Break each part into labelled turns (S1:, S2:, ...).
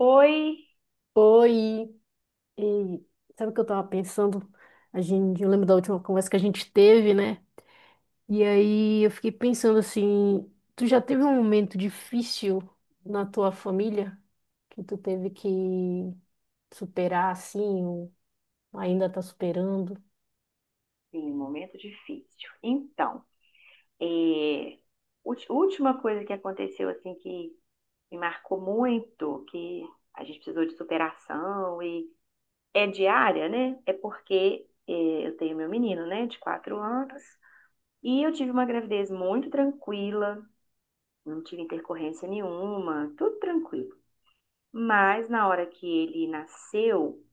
S1: Oi,
S2: Oi, e sabe o que eu tava pensando? A gente, eu lembro da última conversa que a gente teve, né? E aí eu fiquei pensando assim, tu já teve um momento difícil na tua família que tu teve que superar assim, ou ainda tá superando?
S1: sim, momento difícil. Então, é, última coisa que aconteceu assim que me marcou muito, que a gente precisou de superação e é diária, né? É porque eu tenho meu menino, né, de 4 anos, e eu tive uma gravidez muito tranquila, não tive intercorrência nenhuma, tudo tranquilo. Mas na hora que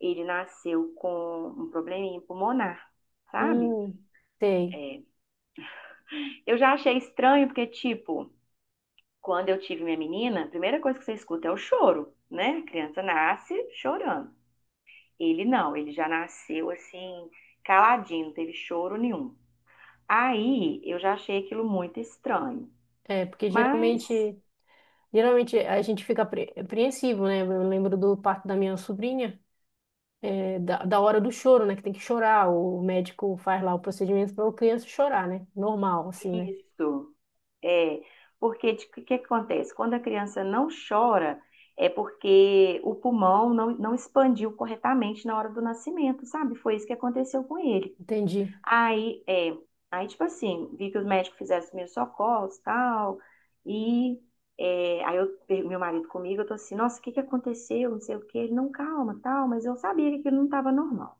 S1: ele nasceu com um probleminha pulmonar, sabe?
S2: Hum, sei.
S1: É, Eu já achei estranho, porque, tipo, quando eu tive minha menina, a primeira coisa que você escuta é o choro, né? A criança nasce chorando. Ele não, ele já nasceu assim, caladinho, não teve choro nenhum. Aí eu já achei aquilo muito estranho.
S2: É, porque
S1: Mas
S2: geralmente, geralmente a gente fica apreensivo, né? Eu lembro do parto da minha sobrinha. É, da hora do choro, né? Que tem que chorar. O médico faz lá o procedimento para a criança chorar, né? Normal, assim, né?
S1: isso é porque o que que acontece? Quando a criança não chora, é porque o pulmão não expandiu corretamente na hora do nascimento, sabe? Foi isso que aconteceu com ele.
S2: Entendi.
S1: Aí, é, aí, tipo assim, vi que os médicos fizeram os primeiros socorros e tal. E aí eu, meu marido comigo, eu tô assim, nossa, o que que aconteceu? Não sei o que Ele, não, calma, tal, mas eu sabia que aquilo não estava normal.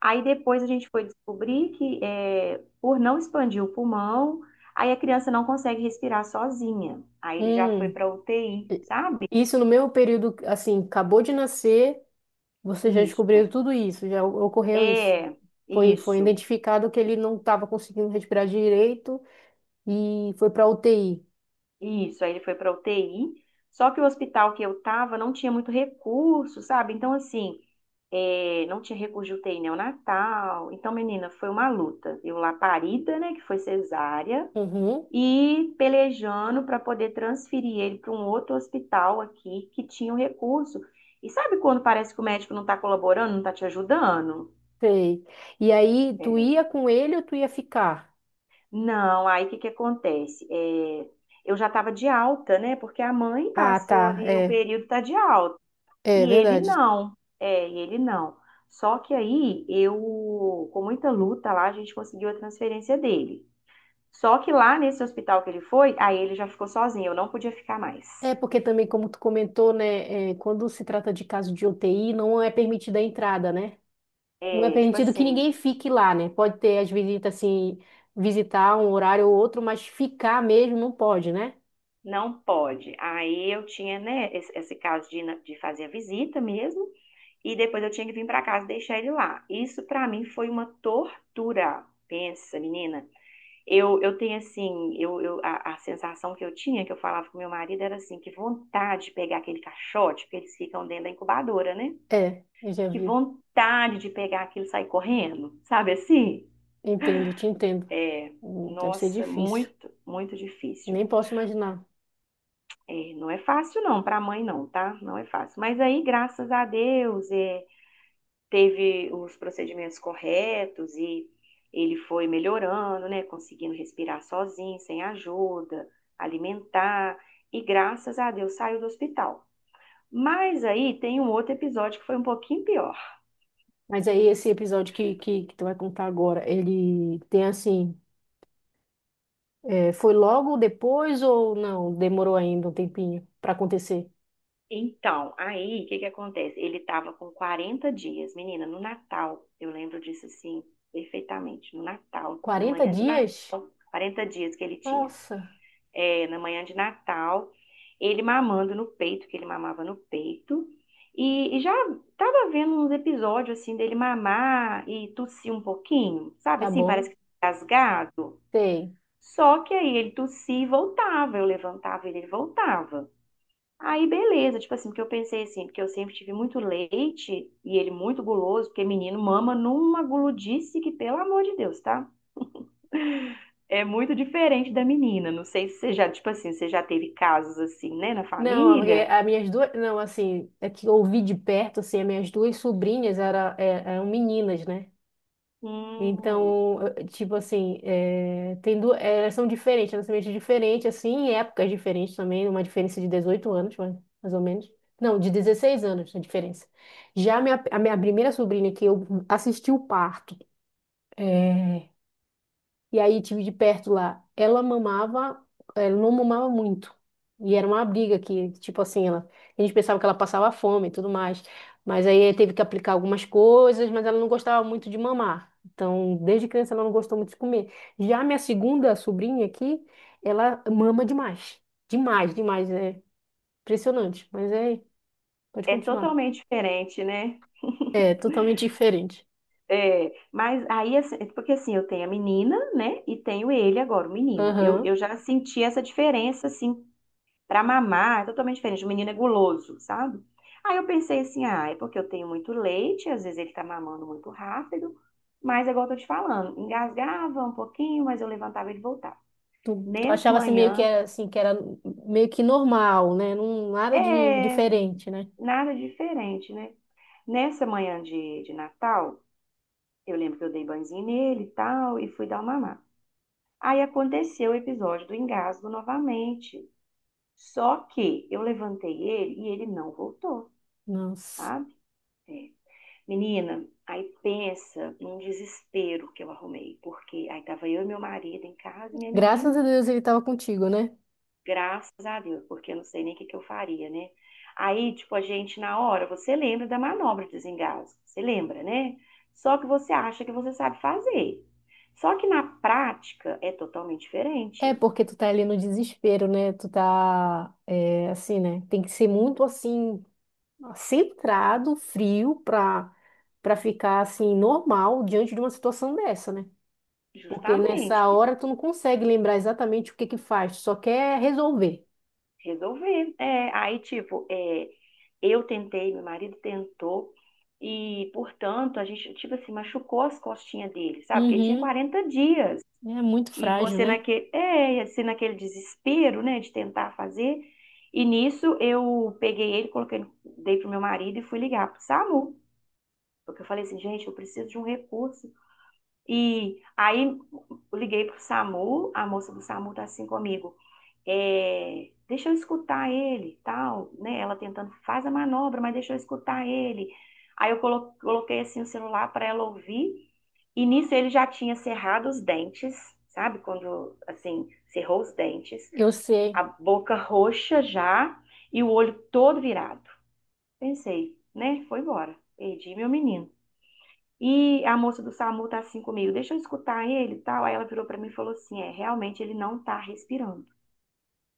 S1: Aí depois a gente foi descobrir que é, por não expandir o pulmão, aí a criança não consegue respirar sozinha. Aí ele já foi
S2: Hum,
S1: pra UTI, sabe?
S2: isso no meu período, assim, acabou de nascer, você já
S1: Isso.
S2: descobriu tudo isso, já ocorreu isso.
S1: É,
S2: Foi, foi
S1: isso.
S2: identificado que ele não estava conseguindo respirar direito e foi para UTI.
S1: Isso, aí ele foi para UTI. Só que o hospital que eu tava não tinha muito recurso, sabe? Então, assim, é, não tinha recurso de UTI neonatal. Então, menina, foi uma luta. Eu lá parida, né, que foi cesárea,
S2: Uhum,
S1: e pelejando para poder transferir ele para um outro hospital aqui que tinha o recurso. E sabe quando parece que o médico não tá colaborando, não tá te ajudando?
S2: sei. E aí, tu
S1: É.
S2: ia com ele ou tu ia ficar?
S1: Não, aí o que que acontece? É, eu já estava de alta, né? Porque a mãe
S2: Ah,
S1: passou
S2: tá,
S1: ali, o
S2: é,
S1: período tá de alta.
S2: é
S1: E ele
S2: verdade.
S1: não, é, e ele não. Só que aí eu, com muita luta lá, a gente conseguiu a transferência dele. Só que lá nesse hospital que ele foi, aí ele já ficou sozinho, eu não podia ficar mais.
S2: É porque também, como tu comentou, né, é, quando se trata de caso de UTI, não é permitida a entrada, né? Não é
S1: É, tipo
S2: permitido que
S1: assim,
S2: ninguém fique lá, né? Pode ter as visitas, assim, visitar um horário ou outro, mas ficar mesmo não pode, né?
S1: não pode. Aí eu tinha, né, esse caso de, de fazer a visita mesmo, e depois eu tinha que vir pra casa e deixar ele lá. Isso pra mim foi uma tortura. Pensa, menina. Eu tenho assim, a sensação que eu tinha, que eu falava com meu marido, era assim, que vontade de pegar aquele caixote, porque eles ficam dentro da incubadora, né?
S2: É, eu já
S1: Que
S2: vi.
S1: vontade de pegar aquilo e sair correndo, sabe assim?
S2: Entendo, te entendo.
S1: É,
S2: Deve ser
S1: nossa,
S2: difícil.
S1: muito, muito difícil.
S2: Nem posso imaginar.
S1: É, não é fácil não, para a mãe não, tá? Não é fácil. Mas aí, graças a Deus, é, teve os procedimentos corretos e ele foi melhorando, né? Conseguindo respirar sozinho, sem ajuda, alimentar e graças a Deus saiu do hospital. Mas aí tem um outro episódio que foi um pouquinho pior.
S2: Mas aí esse episódio que, que tu vai contar agora, ele tem assim, é, foi logo depois ou não? Demorou ainda um tempinho para acontecer?
S1: Então, aí o que que acontece? Ele estava com 40 dias, menina, no Natal. Eu lembro disso assim perfeitamente. No Natal, na
S2: 40
S1: manhã de Natal,
S2: dias?
S1: 40 dias que ele tinha.
S2: Nossa.
S1: É, na manhã de Natal, ele mamando no peito, que ele mamava no peito. E já tava vendo uns episódios assim dele mamar e tossir um pouquinho, sabe
S2: Tá
S1: assim? Parece
S2: bom?
S1: que tá rasgado.
S2: Tem.
S1: Só que aí ele tossia e voltava, eu levantava e ele voltava. Aí beleza, tipo assim, porque eu pensei assim, porque eu sempre tive muito leite e ele muito guloso, porque menino mama numa guludice que, pelo amor de Deus, tá? É muito diferente da menina. Não sei se você já, tipo assim, você já teve casos assim, né, na
S2: Não, é porque
S1: família?
S2: as minhas duas. Não, assim, é que eu ouvi de perto, assim, as minhas duas sobrinhas era, eram meninas, né?
S1: Hum,
S2: Então, tipo assim, é, tem duas, elas são diferentes, nascimentos diferentes assim, em épocas diferentes também, uma diferença de 18 anos, mais ou menos. Não, de 16 anos a diferença. Já a minha primeira sobrinha, que eu assisti o parto, é, e aí tive de perto lá. Ela mamava, ela não mamava muito. E era uma briga que, tipo assim, ela, a gente pensava que ela passava fome e tudo mais. Mas aí teve que aplicar algumas coisas, mas ela não gostava muito de mamar. Então, desde criança ela não gostou muito de comer. Já minha segunda sobrinha aqui, ela mama demais. Demais, demais, é impressionante. Mas é, pode
S1: é
S2: continuar.
S1: totalmente diferente, né?
S2: É totalmente diferente.
S1: É, mas aí, assim, é porque assim, eu tenho a menina, né, e tenho ele agora, o menino.
S2: Aham.
S1: Eu já senti essa diferença, assim, pra mamar, é totalmente diferente. O menino é guloso, sabe? Aí eu pensei assim, ah, é porque eu tenho muito leite, às vezes ele tá mamando muito rápido, mas é igual eu tô te falando, engasgava um pouquinho, mas eu levantava e ele voltava.
S2: Tu, tu
S1: Nessa
S2: achava assim meio que
S1: manhã,
S2: era assim que era meio que normal, né? Não, nada de
S1: é,
S2: diferente, né?
S1: nada diferente, né? Nessa manhã de Natal, eu lembro que eu dei banzinho nele e tal, e fui dar uma mamar. Aí aconteceu o episódio do engasgo novamente. Só que eu levantei ele e ele não voltou,
S2: Nossa.
S1: sabe? É. Menina, aí pensa num desespero que eu arrumei, porque aí tava eu e meu marido em casa, e minha
S2: Graças
S1: menina.
S2: a Deus ele tava contigo, né?
S1: Graças a Deus, porque eu não sei nem o que que eu faria, né? Aí, tipo, a gente, na hora, você lembra da manobra de desengasgo, você lembra, né? Só que você acha que você sabe fazer. Só que na prática é totalmente
S2: É
S1: diferente.
S2: porque tu tá ali no desespero, né? Tu tá é, assim, né? Tem que ser muito assim centrado, frio pra para ficar assim normal diante de uma situação dessa, né? Porque
S1: Justamente,
S2: nessa hora tu não consegue lembrar exatamente o que que faz, tu só quer resolver.
S1: resolver. É, aí, tipo, é, eu tentei, meu marido tentou, e, portanto, a gente, tipo assim, machucou as costinhas dele, sabe? Porque ele tinha
S2: Uhum.
S1: 40 dias.
S2: É muito
S1: E
S2: frágil,
S1: você
S2: né?
S1: naquele, é, assim, naquele desespero, né, de tentar fazer. E nisso eu peguei ele, coloquei, dei pro meu marido e fui ligar pro SAMU. Porque eu falei assim, gente, eu preciso de um recurso. E aí eu liguei pro SAMU, a moça do SAMU tá assim comigo. É, deixa eu escutar ele, tal, né? Ela tentando, faz a manobra, mas deixa eu escutar ele. Aí eu coloquei assim o celular para ela ouvir e nisso ele já tinha cerrado os dentes, sabe? Quando, assim, cerrou os dentes,
S2: Eu
S1: a
S2: sei.
S1: boca roxa já e o olho todo virado. Pensei, né? Foi embora. Perdi meu menino. E a moça do SAMU tá assim comigo, deixa eu escutar ele e tal. Aí ela virou pra mim e falou assim: é, realmente ele não tá respirando.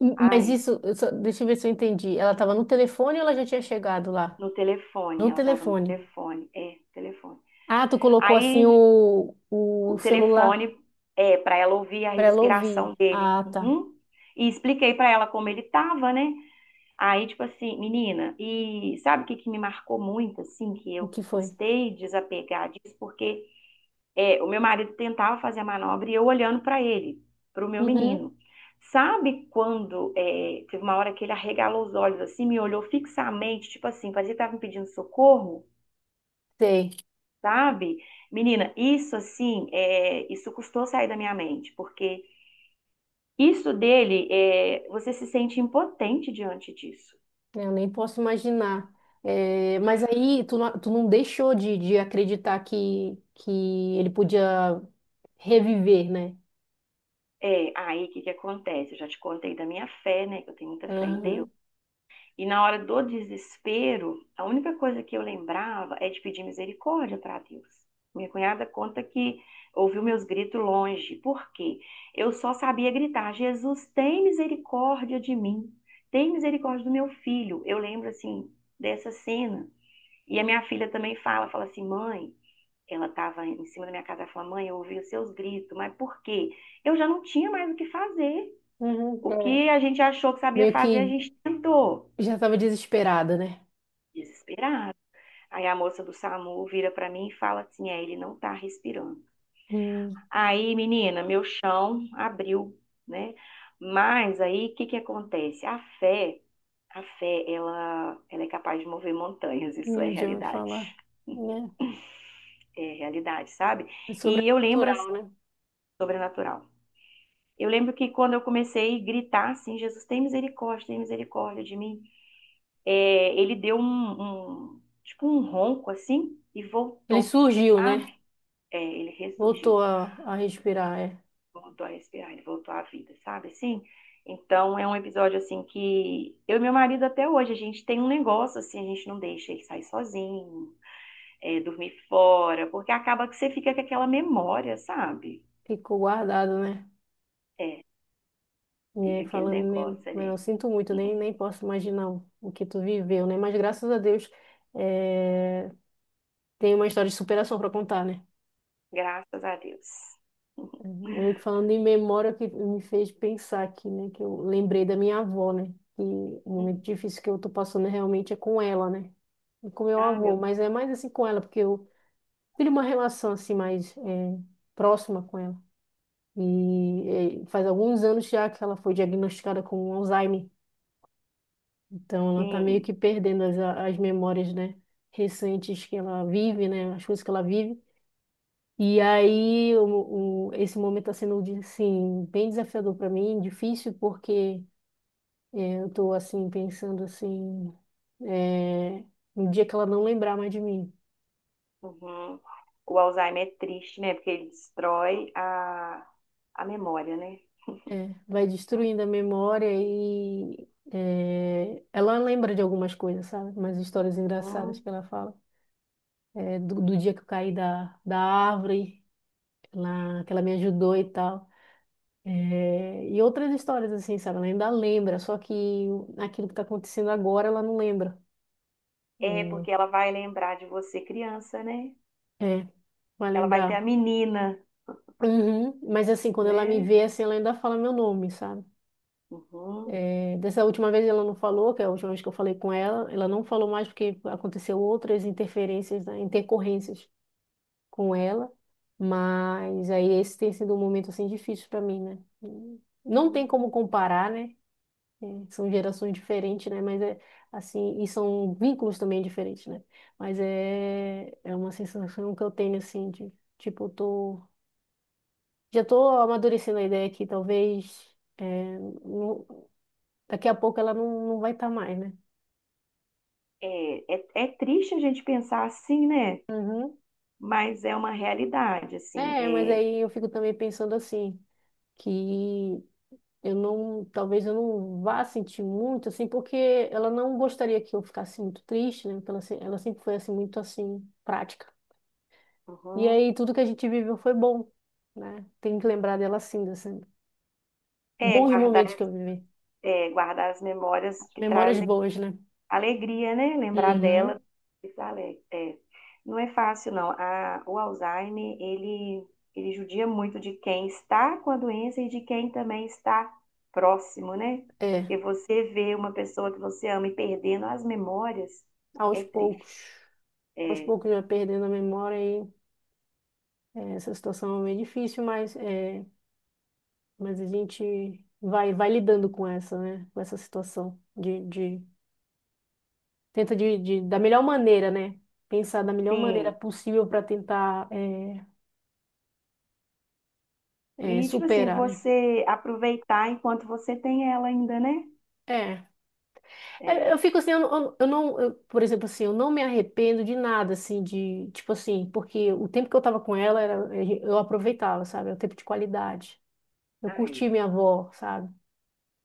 S2: Mas
S1: Ai,
S2: isso, deixa eu ver se eu entendi. Ela estava no telefone ou ela já tinha chegado lá?
S1: no telefone,
S2: No
S1: ela tava no
S2: telefone.
S1: telefone, é, telefone.
S2: Ah, tu colocou assim
S1: Aí
S2: o
S1: o
S2: celular
S1: telefone é, para ela ouvir a
S2: para ela
S1: respiração
S2: ouvir.
S1: dele.
S2: Ah, tá.
S1: Uhum. E expliquei para ela como ele estava, né? Aí, tipo assim, menina, e sabe o que que me marcou muito, assim, que
S2: O
S1: eu
S2: que foi?
S1: custei desapegar disso, porque é, o meu marido tentava fazer a manobra e eu olhando para ele, para o meu
S2: Uhum,
S1: menino. Sabe quando é, teve uma hora que ele arregalou os olhos assim, me olhou fixamente, tipo assim, parecia que estava me pedindo socorro?
S2: sei.
S1: Sabe? Menina, isso assim, é, isso custou sair da minha mente, porque isso dele, é, você se sente impotente diante disso.
S2: Eu nem posso imaginar. É, mas aí tu não deixou de acreditar que ele podia reviver, né?
S1: É, aí o que que acontece? Eu já te contei da minha fé, né? Que eu tenho muita fé em Deus.
S2: Aham.
S1: E na hora do desespero, a única coisa que eu lembrava é de pedir misericórdia para Deus. Minha cunhada conta que ouviu meus gritos longe. Por quê? Eu só sabia gritar: Jesus, tem misericórdia de mim. Tem misericórdia do meu filho. Eu lembro, assim, dessa cena. E a minha filha também fala: fala assim, mãe. Ela estava em cima da minha casa e falou: mãe, eu ouvi os seus gritos, mas por quê? Eu já não tinha mais o que fazer.
S2: Uhum,
S1: O
S2: é.
S1: que a gente achou que sabia
S2: Meio
S1: fazer, a
S2: que
S1: gente tentou.
S2: já estava desesperada, né?
S1: Desesperado. Aí a moça do SAMU vira para mim e fala assim: é, ele não tá respirando.
S2: Hum,
S1: Aí, menina, meu chão abriu, né? Mas aí, o que que acontece? A fé, ela é capaz de mover montanhas, isso é
S2: eu já ouvi falar.
S1: realidade.
S2: Né?
S1: É realidade, sabe?
S2: É
S1: E eu lembro assim,
S2: sobrenatural, né?
S1: sobrenatural. Eu lembro que quando eu comecei a gritar assim, Jesus tem misericórdia de mim, é, ele deu um, tipo um ronco assim e
S2: Ele
S1: voltou,
S2: surgiu,
S1: sabe?
S2: né?
S1: É, ele
S2: Voltou
S1: ressurgiu.
S2: a respirar, é.
S1: Voltou a respirar, ele voltou à vida, sabe assim? Então é um episódio assim que eu e meu marido até hoje, a gente tem um negócio assim, a gente não deixa ele sair sozinho, é, dormir fora, porque acaba que você fica com aquela memória, sabe?
S2: Ficou guardado, né?
S1: É,
S2: E
S1: fica
S2: aí,
S1: aquele
S2: falando, nem,
S1: negócio
S2: eu
S1: ali.
S2: sinto muito, nem, nem posso imaginar o que tu viveu, né? Mas graças a Deus, é, tem uma história de superação para contar, né?
S1: Graças a Deus.
S2: Meio que falando em memória, que me fez pensar aqui, né? Que eu lembrei da minha avó, né? Que o momento difícil que eu tô passando realmente é com ela, né? E com meu
S1: Ah,
S2: avô,
S1: meu,
S2: mas é mais assim com ela, porque eu tive uma relação assim mais é, próxima com ela. E faz alguns anos já que ela foi diagnosticada com Alzheimer. Então ela tá meio
S1: sim.
S2: que perdendo as, as memórias, né, recentes que ela vive, né, as coisas que ela vive. E aí esse momento tá sendo assim bem desafiador para mim, difícil porque eu tô assim pensando assim, eh, no dia que ela não lembrar mais de mim,
S1: Uhum. O Alzheimer é triste, né? Porque ele destrói a memória, né?
S2: vai destruindo a memória e ela lembra de algumas coisas, sabe? Umas histórias engraçadas
S1: Hum.
S2: que ela fala. É, do dia que eu caí da árvore, lá, que ela me ajudou e tal. É, e outras histórias, assim, sabe? Ela ainda lembra, só que aquilo que tá acontecendo agora, ela não lembra.
S1: É,
S2: É,
S1: porque ela vai lembrar de você criança, né?
S2: é, vai
S1: Ela vai ter a
S2: lembrar.
S1: menina,
S2: Uhum, mas, assim, quando ela me
S1: né?
S2: vê, assim, ela ainda fala meu nome, sabe?
S1: Uhum.
S2: É, dessa última vez ela não falou, que é a última vez que eu falei com ela, ela não falou mais porque aconteceu outras interferências, né, intercorrências com ela, mas aí esse tem sido um momento assim difícil para mim, né? Não tem
S1: Hum.
S2: como comparar, né? É, são gerações diferentes, né? Mas é assim, e são vínculos também diferentes, né? Mas é, é uma sensação que eu tenho assim de tipo, eu tô já tô amadurecendo a ideia que talvez é, não- daqui a pouco ela não, não vai estar mais, né?
S1: É, é, é triste a gente pensar assim, né?
S2: Uhum.
S1: Mas é uma realidade, assim.
S2: É, mas
S1: É,
S2: aí eu fico também pensando assim, que eu não, talvez eu não vá sentir muito, assim, porque ela não gostaria que eu ficasse muito triste, né? Porque ela, ela sempre foi, assim, muito, assim, prática. E
S1: uhum.
S2: aí, tudo que a gente viveu foi bom, né? Tenho que lembrar dela, assim, assim,
S1: É,
S2: bons
S1: guardar,
S2: momentos que eu vivi.
S1: é, guardar as memórias que
S2: Memórias
S1: trazem
S2: boas, né?
S1: alegria, né? Lembrar
S2: Uhum.
S1: dela. É, não é fácil, não. O Alzheimer, ele judia muito de quem está com a doença e de quem também está próximo, né?
S2: É,
S1: Porque você vê uma pessoa que você ama e perdendo as memórias,
S2: aos
S1: é triste.
S2: poucos. Aos
S1: É,
S2: poucos já perdendo a memória aí. É, essa situação é meio difícil, mas, é, mas a gente vai, vai lidando com essa, né? Com essa situação de tenta de, da melhor maneira, né? Pensar da melhor maneira
S1: sim.
S2: possível para tentar é, é,
S1: E, tipo assim,
S2: superar, né?
S1: você aproveitar enquanto você tem ela ainda, né?
S2: É, é, eu
S1: É.
S2: fico assim, eu, não, eu, por exemplo, assim, eu não me arrependo de nada, assim, de, tipo assim, porque o tempo que eu tava com ela, era, eu aproveitava, sabe? É o tempo de qualidade. Eu
S1: Tá
S2: curti
S1: aí.
S2: minha avó, sabe?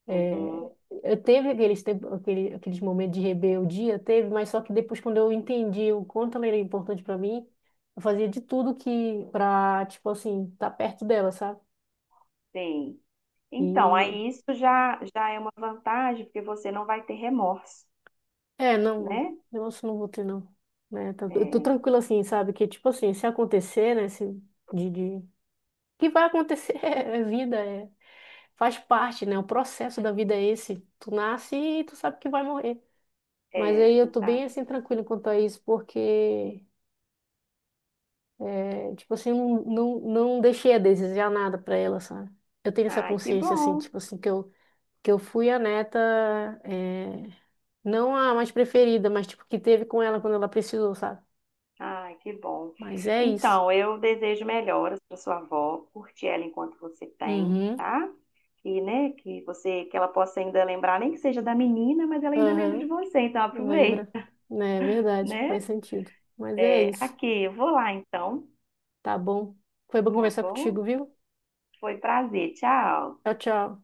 S2: É,
S1: Uhum.
S2: eu teve aqueles, aquele, aqueles momentos de rebeldia, teve, mas só que depois, quando eu entendi o quanto ela era importante para mim, eu fazia de tudo que para, tipo assim, estar perto dela, sabe?
S1: Sim. Então,
S2: E
S1: aí isso já, já é uma vantagem, porque você não vai ter remorso,
S2: é, não,
S1: né?
S2: negócio não vou ter, não. Né? Eu tô
S1: É,
S2: tranquila assim, sabe? Que, tipo assim, se acontecer, né? Se, de... Que vai acontecer, é vida, é, faz parte, né? O processo da vida é esse. Tu nasce e tu sabe que vai morrer. Mas
S1: é,
S2: aí
S1: a
S2: eu
S1: gente
S2: tô bem
S1: sabe.
S2: assim
S1: Que-
S2: tranquila quanto a isso, porque é, tipo assim, não, não, não deixei a desejar nada pra ela, sabe? Eu tenho essa
S1: ai, que
S2: consciência, assim,
S1: bom.
S2: tipo assim, que eu fui a neta, é, não a mais preferida, mas tipo, que teve com ela quando ela precisou, sabe?
S1: Ai, que bom.
S2: Mas é isso.
S1: Então, eu desejo melhoras para sua avó, curte ela enquanto você tem,
S2: Uhum,
S1: tá? E, né, que você, que ela possa ainda lembrar, nem que seja da menina, mas ela ainda lembra
S2: aham,
S1: de você, então aproveita,
S2: lembra. É verdade,
S1: né?
S2: faz sentido. Mas é
S1: É,
S2: isso,
S1: aqui, eu vou lá então,
S2: tá bom? Foi bom
S1: tá
S2: conversar
S1: bom?
S2: contigo, viu?
S1: Foi um prazer, tchau.
S2: Tchau, tchau.